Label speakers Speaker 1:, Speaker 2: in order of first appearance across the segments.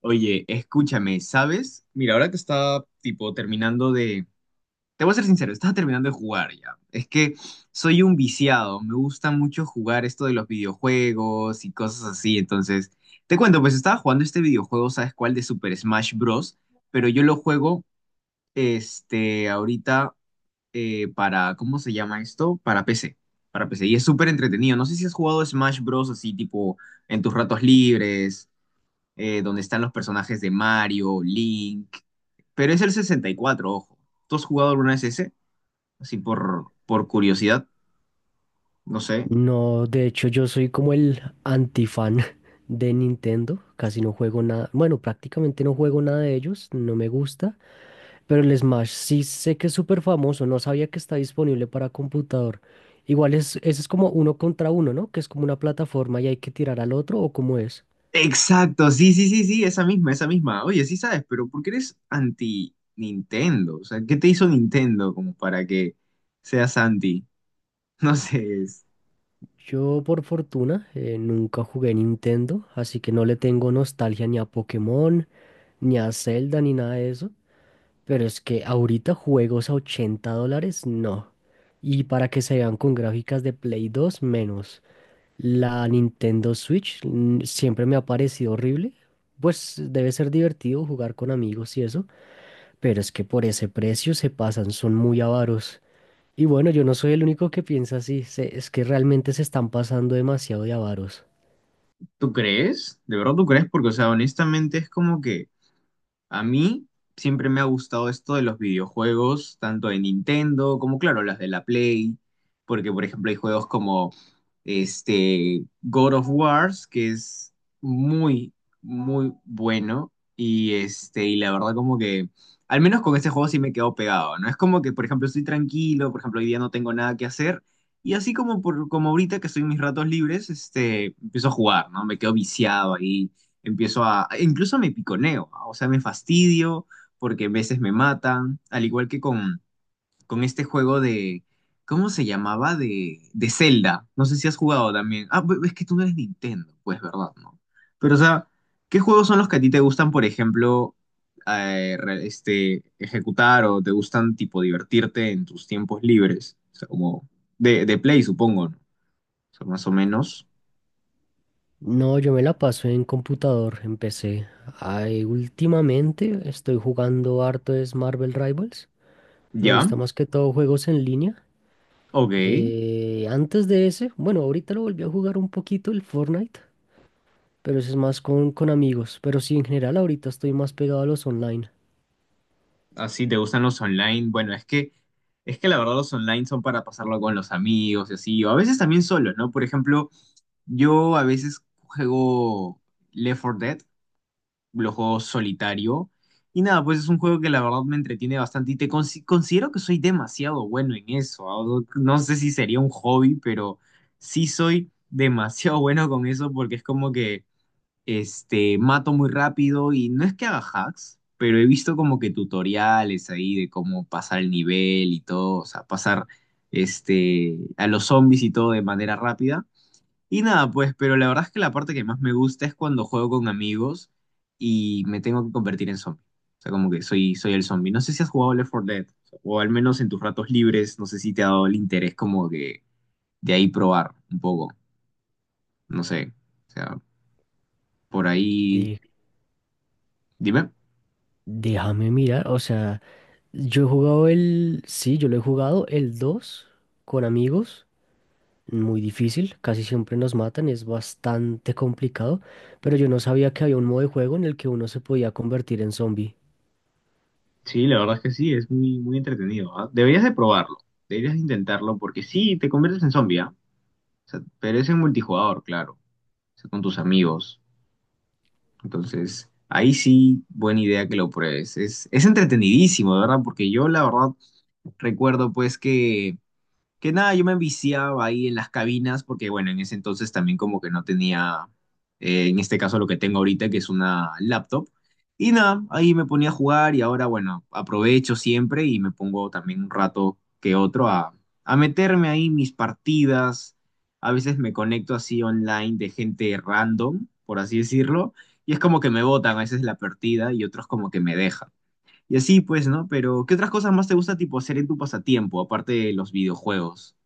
Speaker 1: Oye, escúchame, ¿sabes? Mira, ahora que estaba tipo terminando de. Te voy a ser sincero, estaba terminando de jugar ya. Es que soy un viciado, me gusta mucho jugar esto de los videojuegos y cosas así. Entonces, te cuento, pues estaba jugando este videojuego, ¿sabes cuál? De Super Smash Bros. Pero yo lo juego, ahorita ¿cómo se llama esto? Para PC, para PC. Y es súper entretenido. No sé si has jugado Smash Bros. Así tipo en tus ratos libres donde están los personajes de Mario, Link. Pero es el 64, ojo. ¿Tú has jugado alguna vez ese? Así por curiosidad, no sé.
Speaker 2: No, de hecho yo soy como el antifan de Nintendo, casi no juego nada, bueno, prácticamente no juego nada de ellos, no me gusta, pero el Smash sí sé que es súper famoso, no sabía que está disponible para computador. Igual es, ese es como uno contra uno, ¿no? Que es como una plataforma y hay que tirar al otro o cómo es.
Speaker 1: Exacto, sí, sí, sí, sí, esa misma, esa misma. Oye, sí sabes, pero ¿por qué eres anti Nintendo? O sea, ¿qué te hizo Nintendo como para que seas anti? No sé.
Speaker 2: Yo por fortuna nunca jugué Nintendo, así que no le tengo nostalgia ni a Pokémon, ni a Zelda, ni nada de eso. Pero es que ahorita juegos a $80, no. Y para que se vean con gráficas de Play 2 menos. La Nintendo Switch siempre me ha parecido horrible. Pues debe ser divertido jugar con amigos y eso, pero es que por ese precio se pasan, son muy avaros. Y bueno, yo no soy el único que piensa así, es que realmente se están pasando demasiado de avaros.
Speaker 1: ¿Tú crees? ¿De verdad tú crees? Porque, o sea, honestamente es como que a mí siempre me ha gustado esto de los videojuegos, tanto de Nintendo como, claro, las de la Play, porque, por ejemplo, hay juegos como este God of Wars, que es muy, muy bueno, y la verdad como que, al menos con este juego sí me quedo pegado, ¿no? Es como que, por ejemplo, estoy tranquilo, por ejemplo, hoy día no tengo nada que hacer, y así como, como ahorita que estoy en mis ratos libres, empiezo a jugar, ¿no? Me quedo viciado ahí empiezo incluso me piconeo, ¿ah? O sea, me fastidio porque a veces me matan, al igual que con este juego ¿cómo se llamaba? De Zelda, no sé si has jugado también. Ah, pues, es que tú no eres Nintendo, pues, ¿verdad? No. Pero, o sea, ¿qué juegos son los que a ti te gustan, por ejemplo, ejecutar o te gustan, tipo, divertirte en tus tiempos libres? O sea, como de play, supongo, ¿no? O sea, más o menos.
Speaker 2: No, yo me la paso en computador, en PC. Ay, últimamente estoy jugando harto es Marvel Rivals. Me
Speaker 1: ¿Ya?
Speaker 2: gusta más que todo juegos en línea.
Speaker 1: Ok.
Speaker 2: Antes de ese, bueno, ahorita lo volví a jugar un poquito el Fortnite, pero eso es más con amigos. Pero sí, en general ahorita estoy más pegado a los online.
Speaker 1: Así te gustan los online. Bueno, es que la verdad los online son para pasarlo con los amigos y así, o a veces también solo, ¿no? Por ejemplo, yo a veces juego Left 4 Dead, lo juego solitario, y nada, pues es un juego que la verdad me entretiene bastante y te considero que soy demasiado bueno en eso. ¿Ah? No sé si sería un hobby, pero sí soy demasiado bueno con eso porque es como que mato muy rápido y no es que haga hacks, pero he visto como que tutoriales ahí de cómo pasar el nivel y todo, o sea, pasar a los zombies y todo de manera rápida. Y nada, pues, pero la verdad es que la parte que más me gusta es cuando juego con amigos y me tengo que convertir en zombie. O sea, como que soy el zombie. No sé si has jugado Left 4 Dead, o al menos en tus ratos libres, no sé si te ha dado el interés como que de ahí probar un poco, no sé. O sea, por ahí,
Speaker 2: De-
Speaker 1: dime.
Speaker 2: déjame mirar, o sea, yo he jugado el, sí, yo lo he jugado el 2 con amigos. Muy difícil, casi siempre nos matan, es bastante complicado, pero yo no sabía que había un modo de juego en el que uno se podía convertir en zombie.
Speaker 1: Sí, la verdad es que sí, es muy, muy entretenido, ¿ah? Deberías de probarlo, deberías de intentarlo, porque sí, te conviertes en zombie, ¿ah? O sea, pero es en multijugador, claro, o sea, con tus amigos. Entonces, ahí sí, buena idea que lo pruebes. Es entretenidísimo, de verdad, porque yo la verdad recuerdo pues que nada, yo me enviciaba ahí en las cabinas porque, bueno, en ese entonces también como que no tenía, en este caso lo que tengo ahorita, que es una laptop. Y nada, ahí me ponía a jugar y ahora, bueno, aprovecho siempre y me pongo también un rato que otro a meterme ahí mis partidas. A veces me conecto así online de gente random, por así decirlo, y es como que me botan a veces la partida y otros como que me dejan. Y así pues, ¿no? Pero, ¿qué otras cosas más te gusta tipo hacer en tu pasatiempo, aparte de los videojuegos?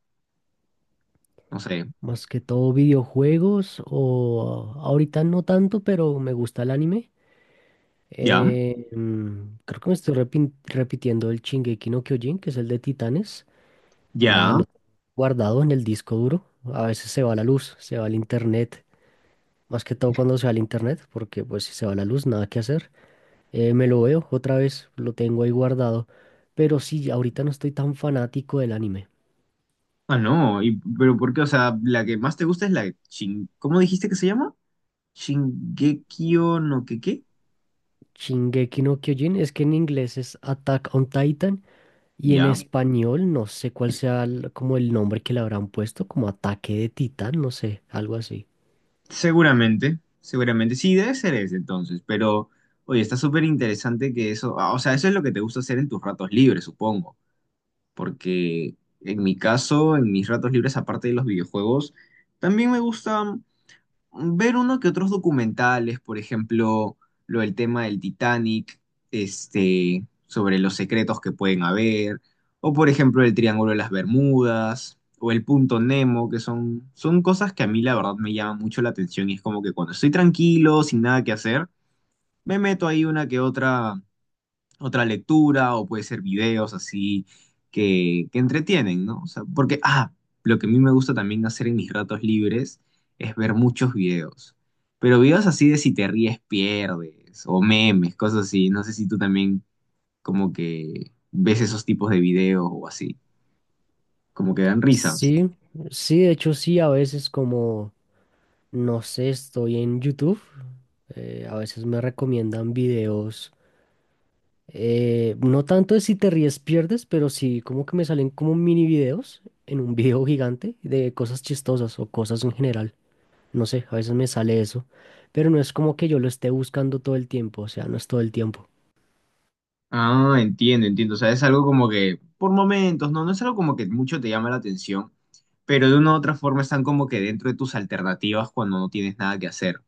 Speaker 1: No sé.
Speaker 2: Más que todo videojuegos o ahorita no tanto, pero me gusta el anime.
Speaker 1: Ya,
Speaker 2: Creo que me estoy repitiendo el Shingeki no Kyojin, que es el de Titanes. Nada,
Speaker 1: ya.
Speaker 2: lo tengo guardado en el disco duro. A veces se va la luz, se va el internet. Más que todo cuando se va el internet, porque pues si se va la luz, nada que hacer. Me lo veo otra vez, lo tengo ahí guardado. Pero sí, ahorita no estoy tan fanático del anime.
Speaker 1: Ah, no. Y, pero ¿por qué? O sea, la que más te gusta es la Shin... ¿Cómo dijiste que se llama? Shingekio no que qué.
Speaker 2: Shingeki no Kyojin, es que en inglés es Attack on Titan. Y en
Speaker 1: Ya.
Speaker 2: español, no sé cuál sea como el nombre que le habrán puesto, como ataque de titán, no sé, algo así.
Speaker 1: Seguramente, seguramente. Sí, debe ser ese entonces. Pero, oye, está súper interesante que eso. Ah, o sea, eso es lo que te gusta hacer en tus ratos libres, supongo. Porque en mi caso, en mis ratos libres, aparte de los videojuegos, también me gusta ver uno que otros documentales, por ejemplo, lo del tema del Titanic, sobre los secretos que pueden haber, o por ejemplo el Triángulo de las Bermudas, o el Punto Nemo, que son cosas que a mí la verdad me llaman mucho la atención y es como que cuando estoy tranquilo, sin nada que hacer, me meto ahí una que otra lectura o puede ser videos así que entretienen, ¿no? O sea, porque, ah, lo que a mí me gusta también hacer en mis ratos libres es ver muchos videos, pero videos así de si te ríes pierdes o memes, cosas así, no sé si tú también como que ves esos tipos de videos o así, como que dan risa.
Speaker 2: Sí, sí, de hecho sí, a veces como, no sé, estoy en YouTube, a veces me recomiendan videos, no tanto de si te ríes pierdes, pero sí como que me salen como mini videos en un video gigante de cosas chistosas o cosas en general. No sé, a veces me sale eso, pero no es como que yo lo esté buscando todo el tiempo, o sea, no es todo el tiempo.
Speaker 1: Ah, entiendo, entiendo, o sea, es algo como que por momentos, ¿no? No es algo como que mucho te llama la atención. Pero de una u otra forma están como que dentro de tus alternativas cuando no tienes nada que hacer.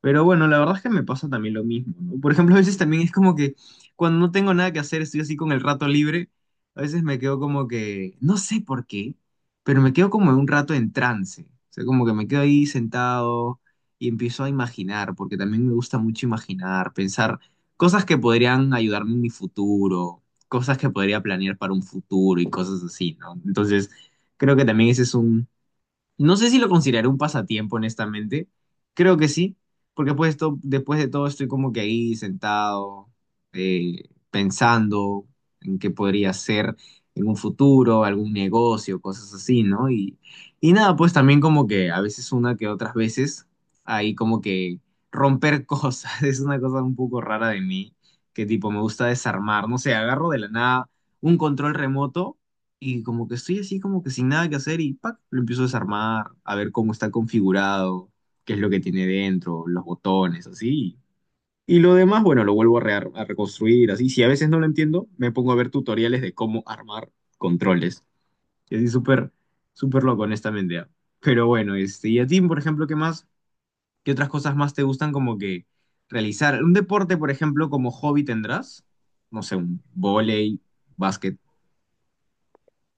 Speaker 1: Pero bueno, la verdad es que me pasa también lo mismo, ¿no? Por ejemplo, a veces también es como que cuando no tengo nada que hacer, estoy así con el rato libre, a veces me quedo como que, no sé por qué, pero me quedo como un rato en trance. O sea, como que me quedo ahí sentado y empiezo a imaginar, porque también me gusta mucho imaginar, pensar cosas que podrían ayudarme en mi futuro, cosas que podría planear para un futuro y cosas así, ¿no? Entonces, creo que también ese es no sé si lo consideraré un pasatiempo, honestamente. Creo que sí, porque pues después de todo estoy como que ahí sentado, pensando en qué podría ser en un futuro, algún negocio, cosas así, ¿no? Y nada, pues también como que a veces una que otras veces, ahí como que romper cosas, es una cosa un poco rara de mí, que tipo me gusta desarmar, no sé, agarro de la nada un control remoto y como que estoy así, como que sin nada que hacer y ¡pac! Lo empiezo a desarmar, a ver cómo está configurado, qué es lo que tiene dentro, los botones, así. Y lo demás, bueno, lo vuelvo a reconstruir, así. Si a veces no lo entiendo, me pongo a ver tutoriales de cómo armar controles. Y así súper, súper loco, honestamente. ¿Ah? Pero bueno, y a ti, por ejemplo, ¿qué más? ¿Qué otras cosas más te gustan como que realizar? ¿Un deporte, por ejemplo, como hobby tendrás? No sé, un vóley, básquet.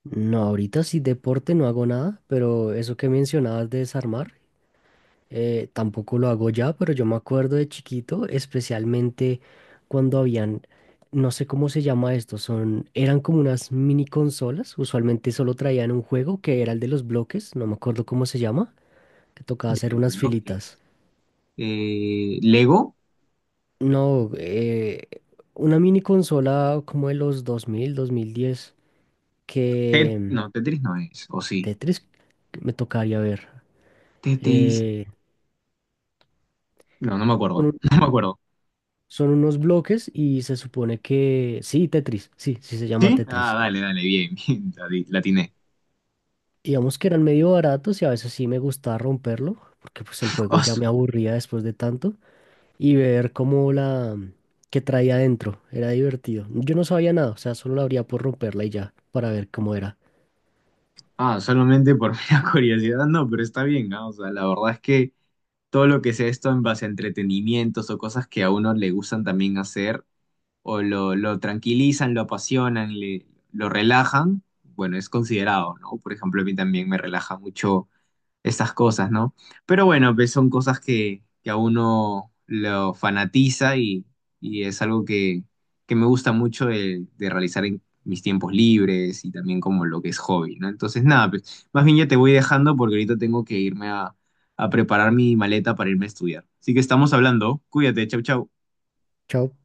Speaker 2: No, ahorita sí deporte no hago nada, pero eso que mencionabas de desarmar, tampoco lo hago ya, pero yo me acuerdo de chiquito, especialmente cuando habían, no sé cómo se llama esto, son, eran como unas mini consolas, usualmente solo traían un juego que era el de los bloques, no me acuerdo cómo se llama, que tocaba
Speaker 1: De
Speaker 2: hacer
Speaker 1: los
Speaker 2: unas filitas.
Speaker 1: bloques. Lego.
Speaker 2: No, una mini consola como de los 2000, 2010,
Speaker 1: Tet-
Speaker 2: que
Speaker 1: no, Tetris no es, o sí.
Speaker 2: Tetris me tocaría ver.
Speaker 1: Tetris.
Speaker 2: Eh,
Speaker 1: No, no me acuerdo. No me acuerdo.
Speaker 2: Son unos bloques y se supone que... Sí, Tetris, sí, sí se llama
Speaker 1: ¿Sí? Ah,
Speaker 2: Tetris.
Speaker 1: dale, dale, bien, bien, la, la atiné.
Speaker 2: Digamos que eran medio baratos y a veces sí me gustaba romperlo, porque pues el juego
Speaker 1: Oh,
Speaker 2: ya me
Speaker 1: su-
Speaker 2: aburría después de tanto, y ver cómo la... que traía adentro, era divertido. Yo no sabía nada, o sea, solo la abría por romperla y ya, para ver cómo era.
Speaker 1: Ah, solamente por mera curiosidad, no, pero está bien, ¿no? O sea, la verdad es que todo lo que sea esto en base a entretenimientos o cosas que a uno le gustan también hacer, o lo tranquilizan, lo apasionan, lo relajan, bueno, es considerado, ¿no? Por ejemplo, a mí también me relaja mucho estas cosas, ¿no? Pero bueno, pues son cosas que a uno lo fanatiza y es algo que me gusta mucho de realizar en mis tiempos libres y también como lo que es hobby, ¿no? Entonces, nada, pues más bien ya te voy dejando porque ahorita tengo que irme a preparar mi maleta para irme a estudiar. Así que estamos hablando. Cuídate, chau, chau.
Speaker 2: Chao.